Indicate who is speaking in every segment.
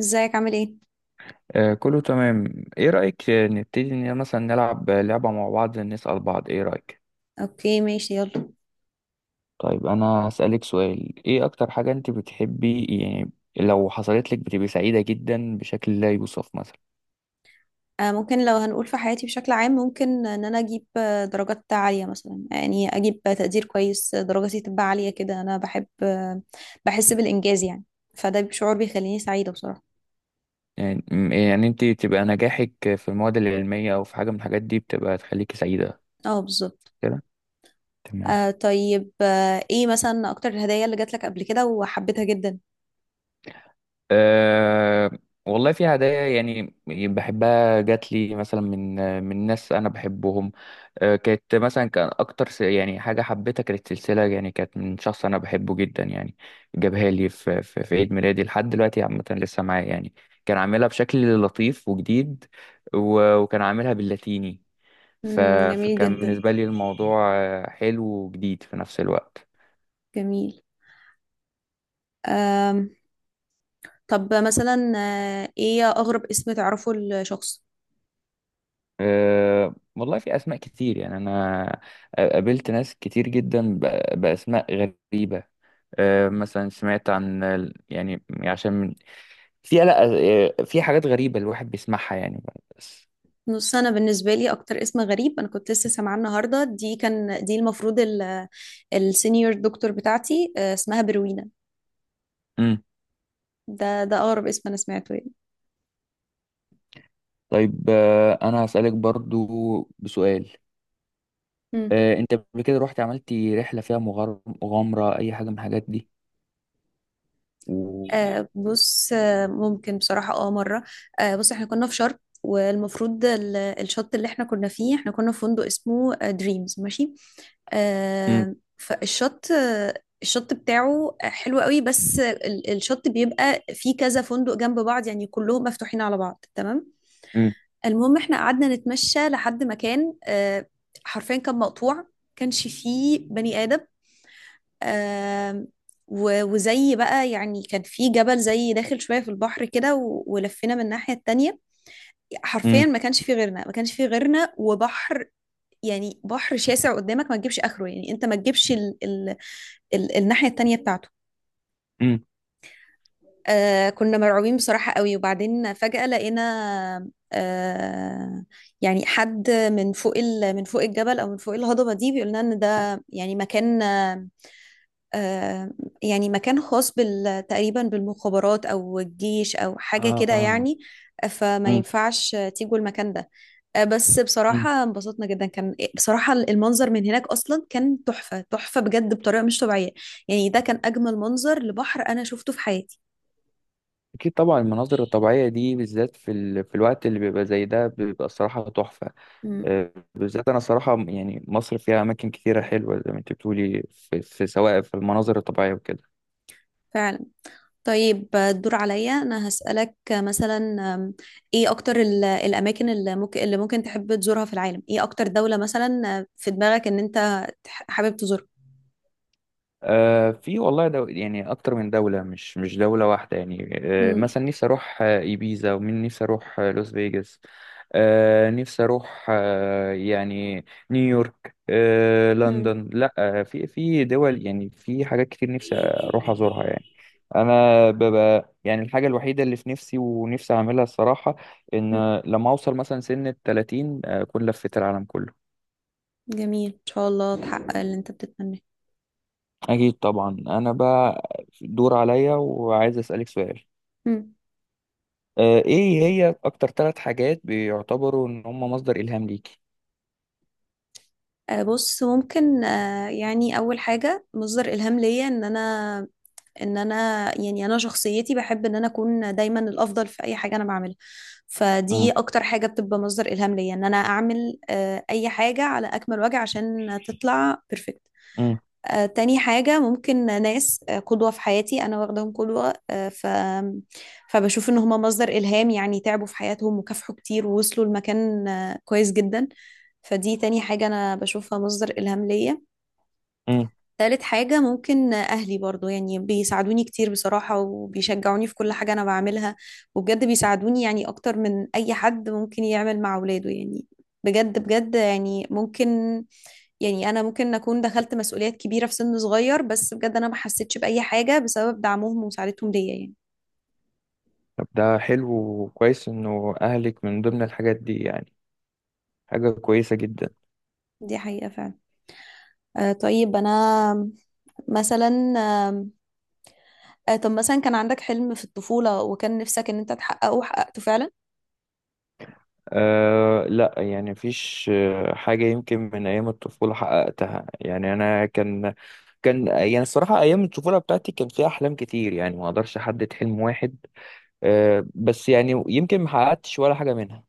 Speaker 1: ازيك عامل ايه؟
Speaker 2: كله تمام. ايه رأيك نبتدي ان مثلا نلعب لعبة مع بعض، نسأل بعض؟ ايه رأيك؟
Speaker 1: اوكي ماشي يلا.
Speaker 2: طيب انا هسألك سؤال. ايه اكتر حاجة انت بتحبي يعني، لو حصلت لك بتبقي سعيدة جدا بشكل لا يوصف مثلا؟
Speaker 1: ممكن، لو هنقول في حياتي بشكل عام، ممكن ان انا اجيب درجات عالية مثلا، يعني اجيب تقدير كويس، درجتي تبقى عالية كده. انا بحب، بحس بالانجاز يعني. فده شعور بيخليني سعيدة بصراحة.
Speaker 2: يعني انت تبقى نجاحك في المواد العلمية او في حاجة من الحاجات دي بتبقى تخليكي سعيدة
Speaker 1: اه بالظبط.
Speaker 2: كده؟ تمام.
Speaker 1: طيب، ايه مثلا اكتر الهدايا اللي جات لك قبل كده وحبيتها جدا؟
Speaker 2: أه والله في هدايا يعني بحبها، جات لي مثلا من ناس انا بحبهم. أه كانت مثلا، كان يعني حاجه حبيتها كانت سلسله، يعني كانت من شخص انا بحبه جدا يعني. جابها لي في عيد ميلادي، لحد دلوقتي عامه لسه معايا يعني. كان عاملها بشكل لطيف وجديد، وكان عاملها باللاتيني. ف-
Speaker 1: مم، جميل
Speaker 2: فكان
Speaker 1: جدا.
Speaker 2: بالنسبه لي الموضوع حلو وجديد في نفس الوقت.
Speaker 1: جميل. آم طب مثلا، ايه اغرب اسم تعرفه لشخص؟
Speaker 2: أه والله في أسماء كتير يعني. أنا قابلت ناس كتير جدا بأسماء غريبة. أه مثلا سمعت عن يعني في، لا، في حاجات غريبة الواحد بيسمعها يعني، بس.
Speaker 1: نص، انا بالنسبه لي اكتر اسم غريب انا كنت لسه سامعاه النهارده دي، كان دي المفروض السينيور دكتور بتاعتي، اسمها بروينا.
Speaker 2: مم.
Speaker 1: ده اقرب اسم انا سمعته يعني.
Speaker 2: طيب أنا هسألك برضو بسؤال.
Speaker 1: مم.
Speaker 2: أه أنت قبل كده رحت عملتي رحلة فيها مغامرة، أي حاجة من الحاجات دي؟ و...
Speaker 1: بص، ممكن بصراحة، اه مرة. بص، احنا كنا في شرم، والمفروض الشط اللي احنا كنا فيه، احنا كنا في فندق اسمه دريمز، ماشي.
Speaker 2: مم.
Speaker 1: آه فالشط آه الشط بتاعه حلو قوي، بس الشط بيبقى فيه كذا فندق جنب بعض، يعني كلهم مفتوحين على بعض، تمام.
Speaker 2: مم.
Speaker 1: المهم احنا قعدنا نتمشى لحد مكان، حرفيا كان مقطوع، كانش فيه بني آدم، آم، وزي بقى يعني كان في جبل زي داخل شوية في البحر كده، ولفينا من الناحية التانية.
Speaker 2: مم.
Speaker 1: حرفيا ما كانش فيه غيرنا، ما كانش فيه غيرنا، وبحر، يعني بحر شاسع قدامك ما تجيبش آخره، يعني انت ما تجيبش ال ال ال الناحية التانية بتاعته.
Speaker 2: مم.
Speaker 1: كنا مرعوبين بصراحة قوي، وبعدين فجأة لقينا، يعني حد من فوق من فوق الجبل، أو من فوق الهضبة دي، بيقول لنا إن ده يعني مكان، آه يعني مكان خاص بال تقريبا، بالمخابرات أو الجيش أو حاجة كده
Speaker 2: آه.
Speaker 1: يعني، فما
Speaker 2: مم.
Speaker 1: ينفعش تيجوا المكان ده. بس
Speaker 2: مم.
Speaker 1: بصراحة انبسطنا جدا، كان إيه، بصراحة المنظر من هناك أصلا كان تحفة تحفة بجد، بطريقة مش طبيعية، يعني ده كان أجمل منظر لبحر أنا شفته في حياتي.
Speaker 2: أكيد طبعا. المناظر الطبيعية دي بالذات في الوقت اللي بيبقى زي ده بيبقى الصراحة تحفة.
Speaker 1: مم.
Speaker 2: بالذات أنا صراحة يعني، مصر فيها أماكن كتيرة حلوة زي ما أنت بتقولي في، سواء في المناظر الطبيعية وكده.
Speaker 1: فعلا. طيب، الدور عليا، انا هسألك مثلا، أم، ايه اكتر الاماكن اللي ممكن تحب تزورها في العالم؟ ايه اكتر دولة مثلا، في دماغك ان انت حابب تزورها؟
Speaker 2: في والله يعني اكتر من دولة، مش دولة واحدة يعني.
Speaker 1: مم.
Speaker 2: مثلا نفسي اروح ايبيزا، ومن نفسي اروح لوس فيجاس، نفسي اروح يعني نيويورك،
Speaker 1: مم.
Speaker 2: لندن، لا في دول. يعني في حاجات كتير نفسي اروح ازورها يعني. انا ببقى يعني الحاجة الوحيدة اللي في نفسي ونفسي اعملها الصراحة،
Speaker 1: مم.
Speaker 2: ان لما اوصل مثلا سن ال 30 اكون لفيت العالم كله.
Speaker 1: جميل، ان شاء الله تحقق اللي انت بتتمناه.
Speaker 2: اكيد طبعا. انا بقى دور عليا، وعايز اسالك سؤال.
Speaker 1: مم.
Speaker 2: ايه هي اكتر ثلاث حاجات بيعتبروا ان هم مصدر الهام ليكي؟
Speaker 1: بص، ممكن يعني اول حاجة مصدر الهام ليا، ان انا يعني انا شخصيتي بحب ان انا اكون دايما الافضل في اي حاجه انا بعملها. فدي
Speaker 2: امم.
Speaker 1: اكتر حاجه بتبقى مصدر الهام ليا، ان انا اعمل اي حاجه على اكمل وجه عشان تطلع بيرفكت.
Speaker 2: امم.
Speaker 1: تاني حاجة ممكن ناس قدوة في حياتي أنا واخداهم قدوة، فبشوف إن هما مصدر إلهام، يعني تعبوا في حياتهم وكافحوا كتير ووصلوا لمكان كويس جدا. فدي تاني حاجة أنا بشوفها مصدر إلهام ليا.
Speaker 2: امم.
Speaker 1: تالت حاجة ممكن أهلي برضو، يعني بيساعدوني كتير بصراحة، وبيشجعوني في كل حاجة أنا بعملها، وبجد بيساعدوني يعني أكتر من أي حد ممكن يعمل مع ولاده يعني. بجد بجد يعني ممكن، يعني أنا ممكن أكون دخلت مسؤوليات كبيرة في سن صغير، بس بجد أنا ما حسيتش بأي حاجة بسبب دعمهم ومساعدتهم ليا يعني.
Speaker 2: طب ده حلو وكويس انه اهلك من ضمن الحاجات دي يعني. حاجة كويسة جدا.
Speaker 1: دي حقيقة فعلا. آه طيب أنا مثلا آه آه، طب مثلا، كان عندك حلم في الطفولة وكان نفسك إن أنت تحققه وحققته فعلا؟
Speaker 2: أه لا، يعني مفيش حاجة يمكن من أيام الطفولة حققتها يعني. أنا كان يعني الصراحة أيام الطفولة بتاعتي كان فيها أحلام كتير، يعني ما أقدرش أحدد حلم واحد. أه بس يعني يمكن ما حققتش ولا حاجة منها،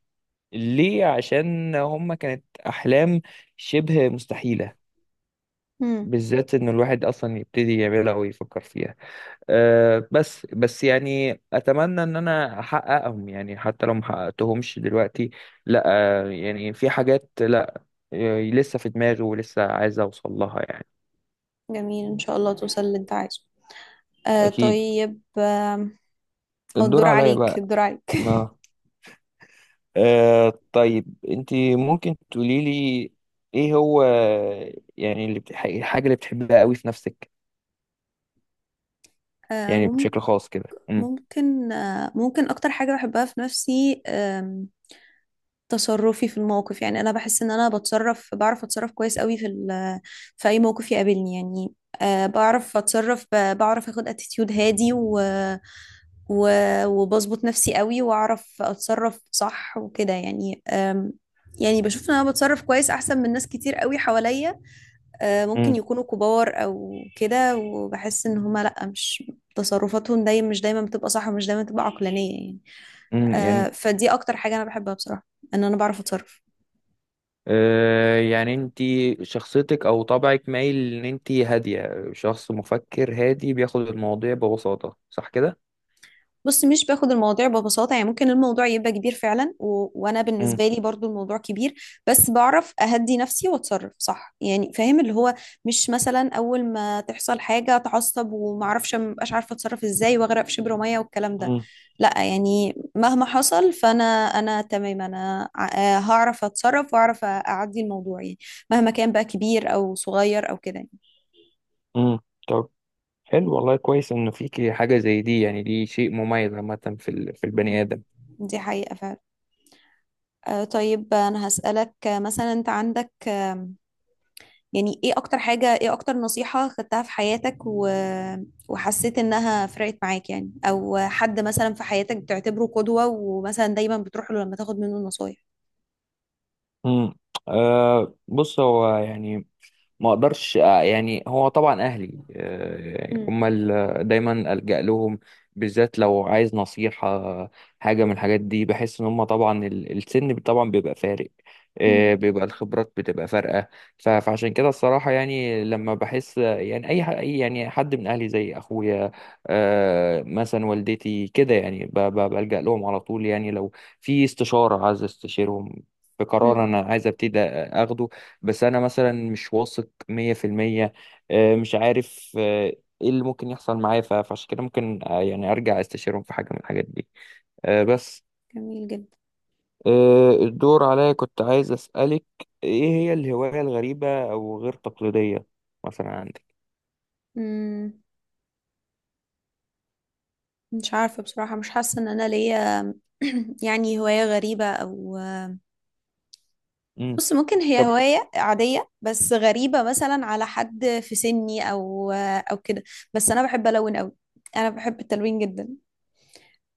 Speaker 2: ليه؟ عشان هما كانت أحلام شبه مستحيلة،
Speaker 1: مم.
Speaker 2: بالذات ان الواحد اصلا يبتدي يعملها ويفكر فيها. أه بس يعني اتمنى ان انا احققهم، يعني حتى لو ما حققتهمش دلوقتي. لا، أه يعني في حاجات، لا، لسه في دماغي ولسه عايز اوصل لها يعني.
Speaker 1: جميل، إن شاء الله توصل اللي أنت عايزه. آه
Speaker 2: اكيد.
Speaker 1: طيب آه أو
Speaker 2: الدور
Speaker 1: الدور
Speaker 2: عليا
Speaker 1: عليك،
Speaker 2: بقى.
Speaker 1: الدور عليك.
Speaker 2: اه. أه طيب انت ممكن تقولي لي ايه هو يعني الحاجة اللي بتحبها قوي في نفسك
Speaker 1: آه
Speaker 2: يعني،
Speaker 1: مم-
Speaker 2: بشكل خاص كده؟ امم.
Speaker 1: ممكن ممكن أكتر حاجة بحبها في نفسي، تصرفي في الموقف، يعني أنا بحس إن أنا، بعرف أتصرف كويس قوي في في أي موقف يقابلني يعني. بعرف أتصرف، بعرف أخد اتيتيود هادي، و وبظبط نفسي قوي، واعرف اتصرف صح وكده يعني، يعني بشوف ان انا بتصرف كويس احسن من ناس كتير قوي حواليا، ممكن يكونوا كبار او كده. وبحس ان هما لا، مش، تصرفاتهم دايما مش دايما بتبقى صح، ومش دايما بتبقى عقلانية يعني.
Speaker 2: امم. يعني
Speaker 1: فدي اكتر حاجة انا بحبها بصراحة، ان انا بعرف اتصرف.
Speaker 2: يعني انت شخصيتك او طبعك مايل ان انت هادية، شخص مفكر هادي بياخد المواضيع ببساطة، صح كده؟
Speaker 1: بص، مش باخد المواضيع ببساطة، يعني ممكن الموضوع يبقى كبير فعلا، وأنا
Speaker 2: امم.
Speaker 1: بالنسبة لي برضو الموضوع كبير، بس بعرف أهدي نفسي وأتصرف صح، يعني فاهم اللي هو، مش مثلا أول ما تحصل حاجة أتعصب، ومعرفش، مبقاش عارفة أتصرف إزاي، وأغرق في شبر مية والكلام ده.
Speaker 2: امم.
Speaker 1: لا يعني مهما حصل، فأنا، أنا تمام، أنا هعرف أتصرف وأعرف أعدي الموضوع، يعني مهما كان بقى كبير أو صغير أو كده يعني.
Speaker 2: امم. طب حلو والله، كويس انه فيكي حاجة زي دي يعني. دي شيء مميز عامة في البني آدم.
Speaker 1: دي حقيقة فعلا. طيب أنا هسألك، مثلا أنت عندك، يعني ايه اكتر حاجة، ايه اكتر نصيحة خدتها في حياتك، وحسيت انها فرقت معاك، يعني او حد مثلا في حياتك بتعتبره قدوة، ومثلا دايما بتروح له لما تاخد منه نصايح؟
Speaker 2: امم. آه بص هو يعني ما اقدرش يعني هو طبعا اهلي يعني
Speaker 1: مم.
Speaker 2: هم دايما الجا لهم، بالذات لو عايز نصيحه، حاجه من الحاجات دي. بحس ان هم طبعا السن طبعا بيبقى فارق،
Speaker 1: مم.
Speaker 2: بيبقى الخبرات بتبقى فارقه. فعشان كده الصراحه يعني، لما بحس يعني أي يعني حد من اهلي زي اخويا مثلا والدتي كده، يعني بلجا لهم على طول، يعني لو في استشاره عايز استشيرهم، في قرار
Speaker 1: مم.
Speaker 2: انا عايز ابتدي اخده، بس انا مثلا مش واثق مية في المية، مش عارف ايه اللي ممكن يحصل معايا. فعشان كده ممكن يعني ارجع استشيرهم في حاجة من الحاجات دي، بس.
Speaker 1: جميل جدا.
Speaker 2: الدور عليا. كنت عايز اسألك ايه هي الهواية الغريبة او غير تقليدية مثلا عندك؟
Speaker 1: مم. مش عارفة بصراحة، مش حاسة ان انا ليا، يعني هواية غريبة او،
Speaker 2: مم.
Speaker 1: بص ممكن هي
Speaker 2: طب.
Speaker 1: هواية عادية، بس غريبة مثلا على حد في سني، او كده، بس انا بحب الون قوي، انا بحب التلوين جدا.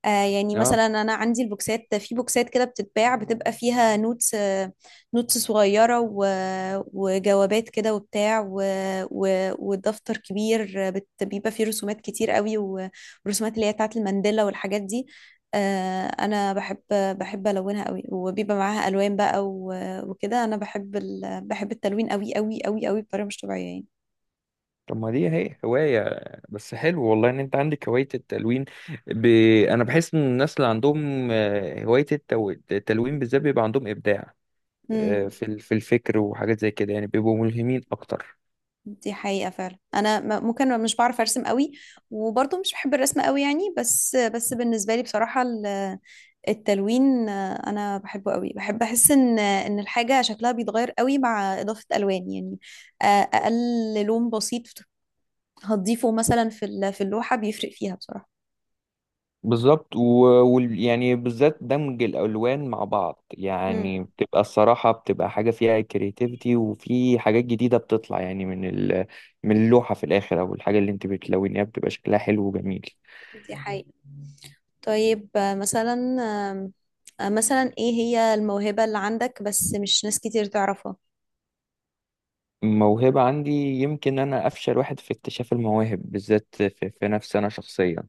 Speaker 1: يعني
Speaker 2: اه.
Speaker 1: مثلا انا عندي البوكسات، في بوكسات كده بتتباع، بتبقى فيها نوتس، نوتس صغيره وجوابات كده وبتاع والدفتر كبير، بيبقى فيه رسومات كتير قوي، والرسومات اللي هي بتاعت المانديلا والحاجات دي. انا بحب الونها قوي، وبيبقى معاها الوان بقى، وكده انا بحب بحب التلوين قوي قوي قوي قوي، بطريقه مش طبيعيه
Speaker 2: طب ما دي هي هواية. بس حلو والله ان انت عندك هواية التلوين. ب... انا بحس ان الناس اللي عندهم هواية التلوين بالذات بيبقى عندهم ابداع
Speaker 1: يعني.
Speaker 2: في الفكر وحاجات زي كده، يعني بيبقوا ملهمين اكتر.
Speaker 1: دي حقيقة فعلا. أنا ممكن مش بعرف أرسم قوي، وبرضه مش بحب الرسم قوي يعني، بس بالنسبة لي بصراحة التلوين، أنا بحبه قوي، بحب أحس إن إن الحاجة شكلها بيتغير قوي مع إضافة ألوان يعني. أقل لون بسيط هتضيفه مثلا في في اللوحة، بيفرق فيها بصراحة.
Speaker 2: بالظبط. ويعني بالذات دمج الالوان مع بعض
Speaker 1: امم.
Speaker 2: يعني، بتبقى الصراحه، بتبقى حاجه فيها كرياتيفيتي، وفي حاجات جديده بتطلع يعني من من اللوحه في الاخر، او الحاجه اللي انت بتلونيها بتبقى شكلها حلو وجميل.
Speaker 1: دي حقيقة. طيب، مثلا، آم، آه، مثلا إيه هي الموهبة اللي عندك بس مش ناس كتير تعرفها؟
Speaker 2: موهبه عندي؟ يمكن انا افشل واحد في اكتشاف المواهب، بالذات في نفسي انا شخصيا.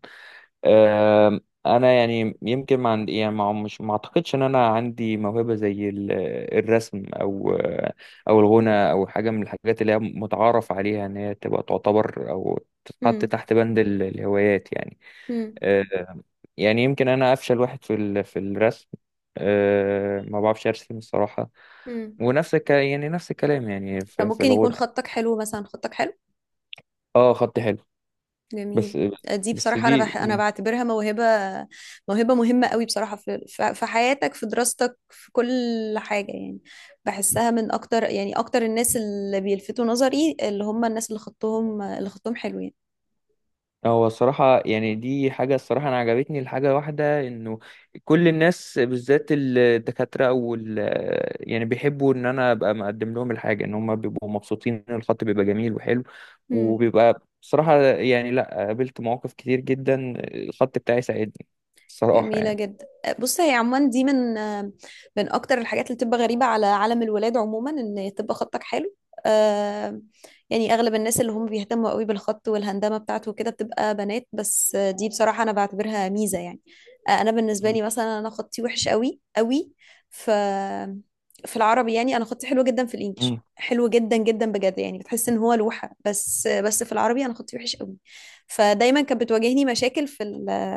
Speaker 2: آم، انا يعني يمكن ما عندي يعني ما مش ما اعتقدش ان انا عندي موهبه زي الرسم او الغنى او حاجه من الحاجات اللي هي متعارف عليها ان هي تبقى تعتبر او تتحط
Speaker 1: امم،
Speaker 2: تحت بند الهوايات يعني. آه، يعني يمكن انا افشل واحد في الرسم. ما بعرفش ارسم الصراحه.
Speaker 1: امم.
Speaker 2: يعني نفس الكلام يعني في
Speaker 1: فممكن يكون
Speaker 2: الغنى.
Speaker 1: خطك حلو، مثلا، خطك حلو.
Speaker 2: اه خطي حلو.
Speaker 1: جميل.
Speaker 2: بس.
Speaker 1: دي
Speaker 2: بس
Speaker 1: بصراحة أنا،
Speaker 2: دي.
Speaker 1: أنا بعتبرها موهبة، موهبة مهمة قوي بصراحة، في حياتك، في دراستك، في كل حاجة يعني. بحسها من أكتر، يعني أكتر الناس اللي بيلفتوا نظري، اللي هم الناس اللي خطهم حلو
Speaker 2: هو الصراحة يعني دي حاجة الصراحة أنا عجبتني. الحاجة واحدة، إنه كل الناس بالذات الدكاترة أو يعني بيحبوا إن أنا أبقى مقدم لهم الحاجة، إن هم بيبقوا مبسوطين إن الخط بيبقى جميل وحلو،
Speaker 1: يعني.
Speaker 2: وبيبقى بصراحة يعني. لأ، قابلت مواقف كتير جدا الخط بتاعي ساعدني الصراحة
Speaker 1: جميلة
Speaker 2: يعني.
Speaker 1: جدا. بص، هي عموما دي من أكتر الحاجات اللي بتبقى غريبة على عالم الولاد عموما، إن تبقى خطك حلو، آه يعني أغلب الناس اللي هم بيهتموا قوي بالخط والهندامة بتاعته وكده، بتبقى بنات، بس دي بصراحة أنا بعتبرها ميزة يعني. أنا بالنسبة
Speaker 2: مم.
Speaker 1: لي مثلا، أنا خطي وحش قوي قوي، ف في العربي يعني، أنا خطي حلو جدا، في الإنجليش حلو جدا جدا بجد، يعني بتحس ان هو لوحة، بس في العربي انا خطي وحش قوي. فدايما كانت بتواجهني مشاكل في ال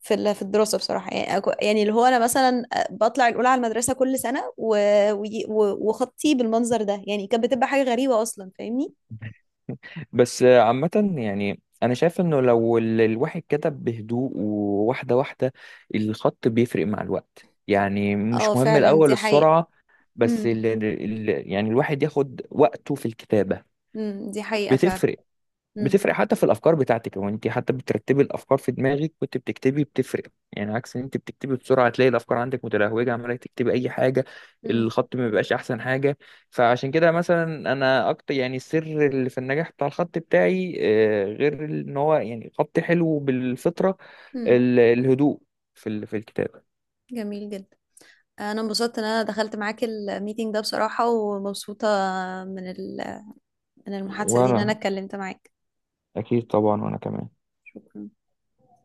Speaker 1: في ال- في الدراسة بصراحة، يعني يعني اللي هو أنا مثلا بطلع الأولى على المدرسة كل سنة، وخطي بالمنظر ده يعني، كانت بتبقى حاجة غريبة أصلا، فاهمني؟
Speaker 2: مم. بس عامة يعني أنا شايف إنه لو الواحد كتب بهدوء وواحدة واحدة، الخط بيفرق مع الوقت يعني،
Speaker 1: اه
Speaker 2: مش مهم
Speaker 1: فعلا،
Speaker 2: الأول
Speaker 1: دي حقيقة.
Speaker 2: السرعة. بس
Speaker 1: امم،
Speaker 2: يعني الواحد ياخد وقته في الكتابة،
Speaker 1: امم، دي حقيقة فعلا.
Speaker 2: بتفرق.
Speaker 1: امم،
Speaker 2: بتفرق حتى في الافكار بتاعتك. هو انت حتى بترتبي الافكار في دماغك وانت بتكتبي، بتفرق. يعني عكس ان انت بتكتبي بسرعه، تلاقي الافكار عندك متلهوجه عماله تكتبي اي حاجه،
Speaker 1: امم،
Speaker 2: الخط ما بيبقاش احسن حاجه. فعشان كده مثلا انا اكتر يعني السر اللي في النجاح بتاع الخط بتاعي غير ان هو يعني خط حلو بالفطره،
Speaker 1: امم.
Speaker 2: الهدوء في الكتابه.
Speaker 1: جميل جدا. أنا انبسطت إن أنا دخلت معاك الميتينج ده بصراحة، ومبسوطة من ال... من المحادثة دي، إن أنا
Speaker 2: وانا
Speaker 1: اتكلمت معاك.
Speaker 2: اكيد طبعا، وانا كمان.
Speaker 1: شكرا.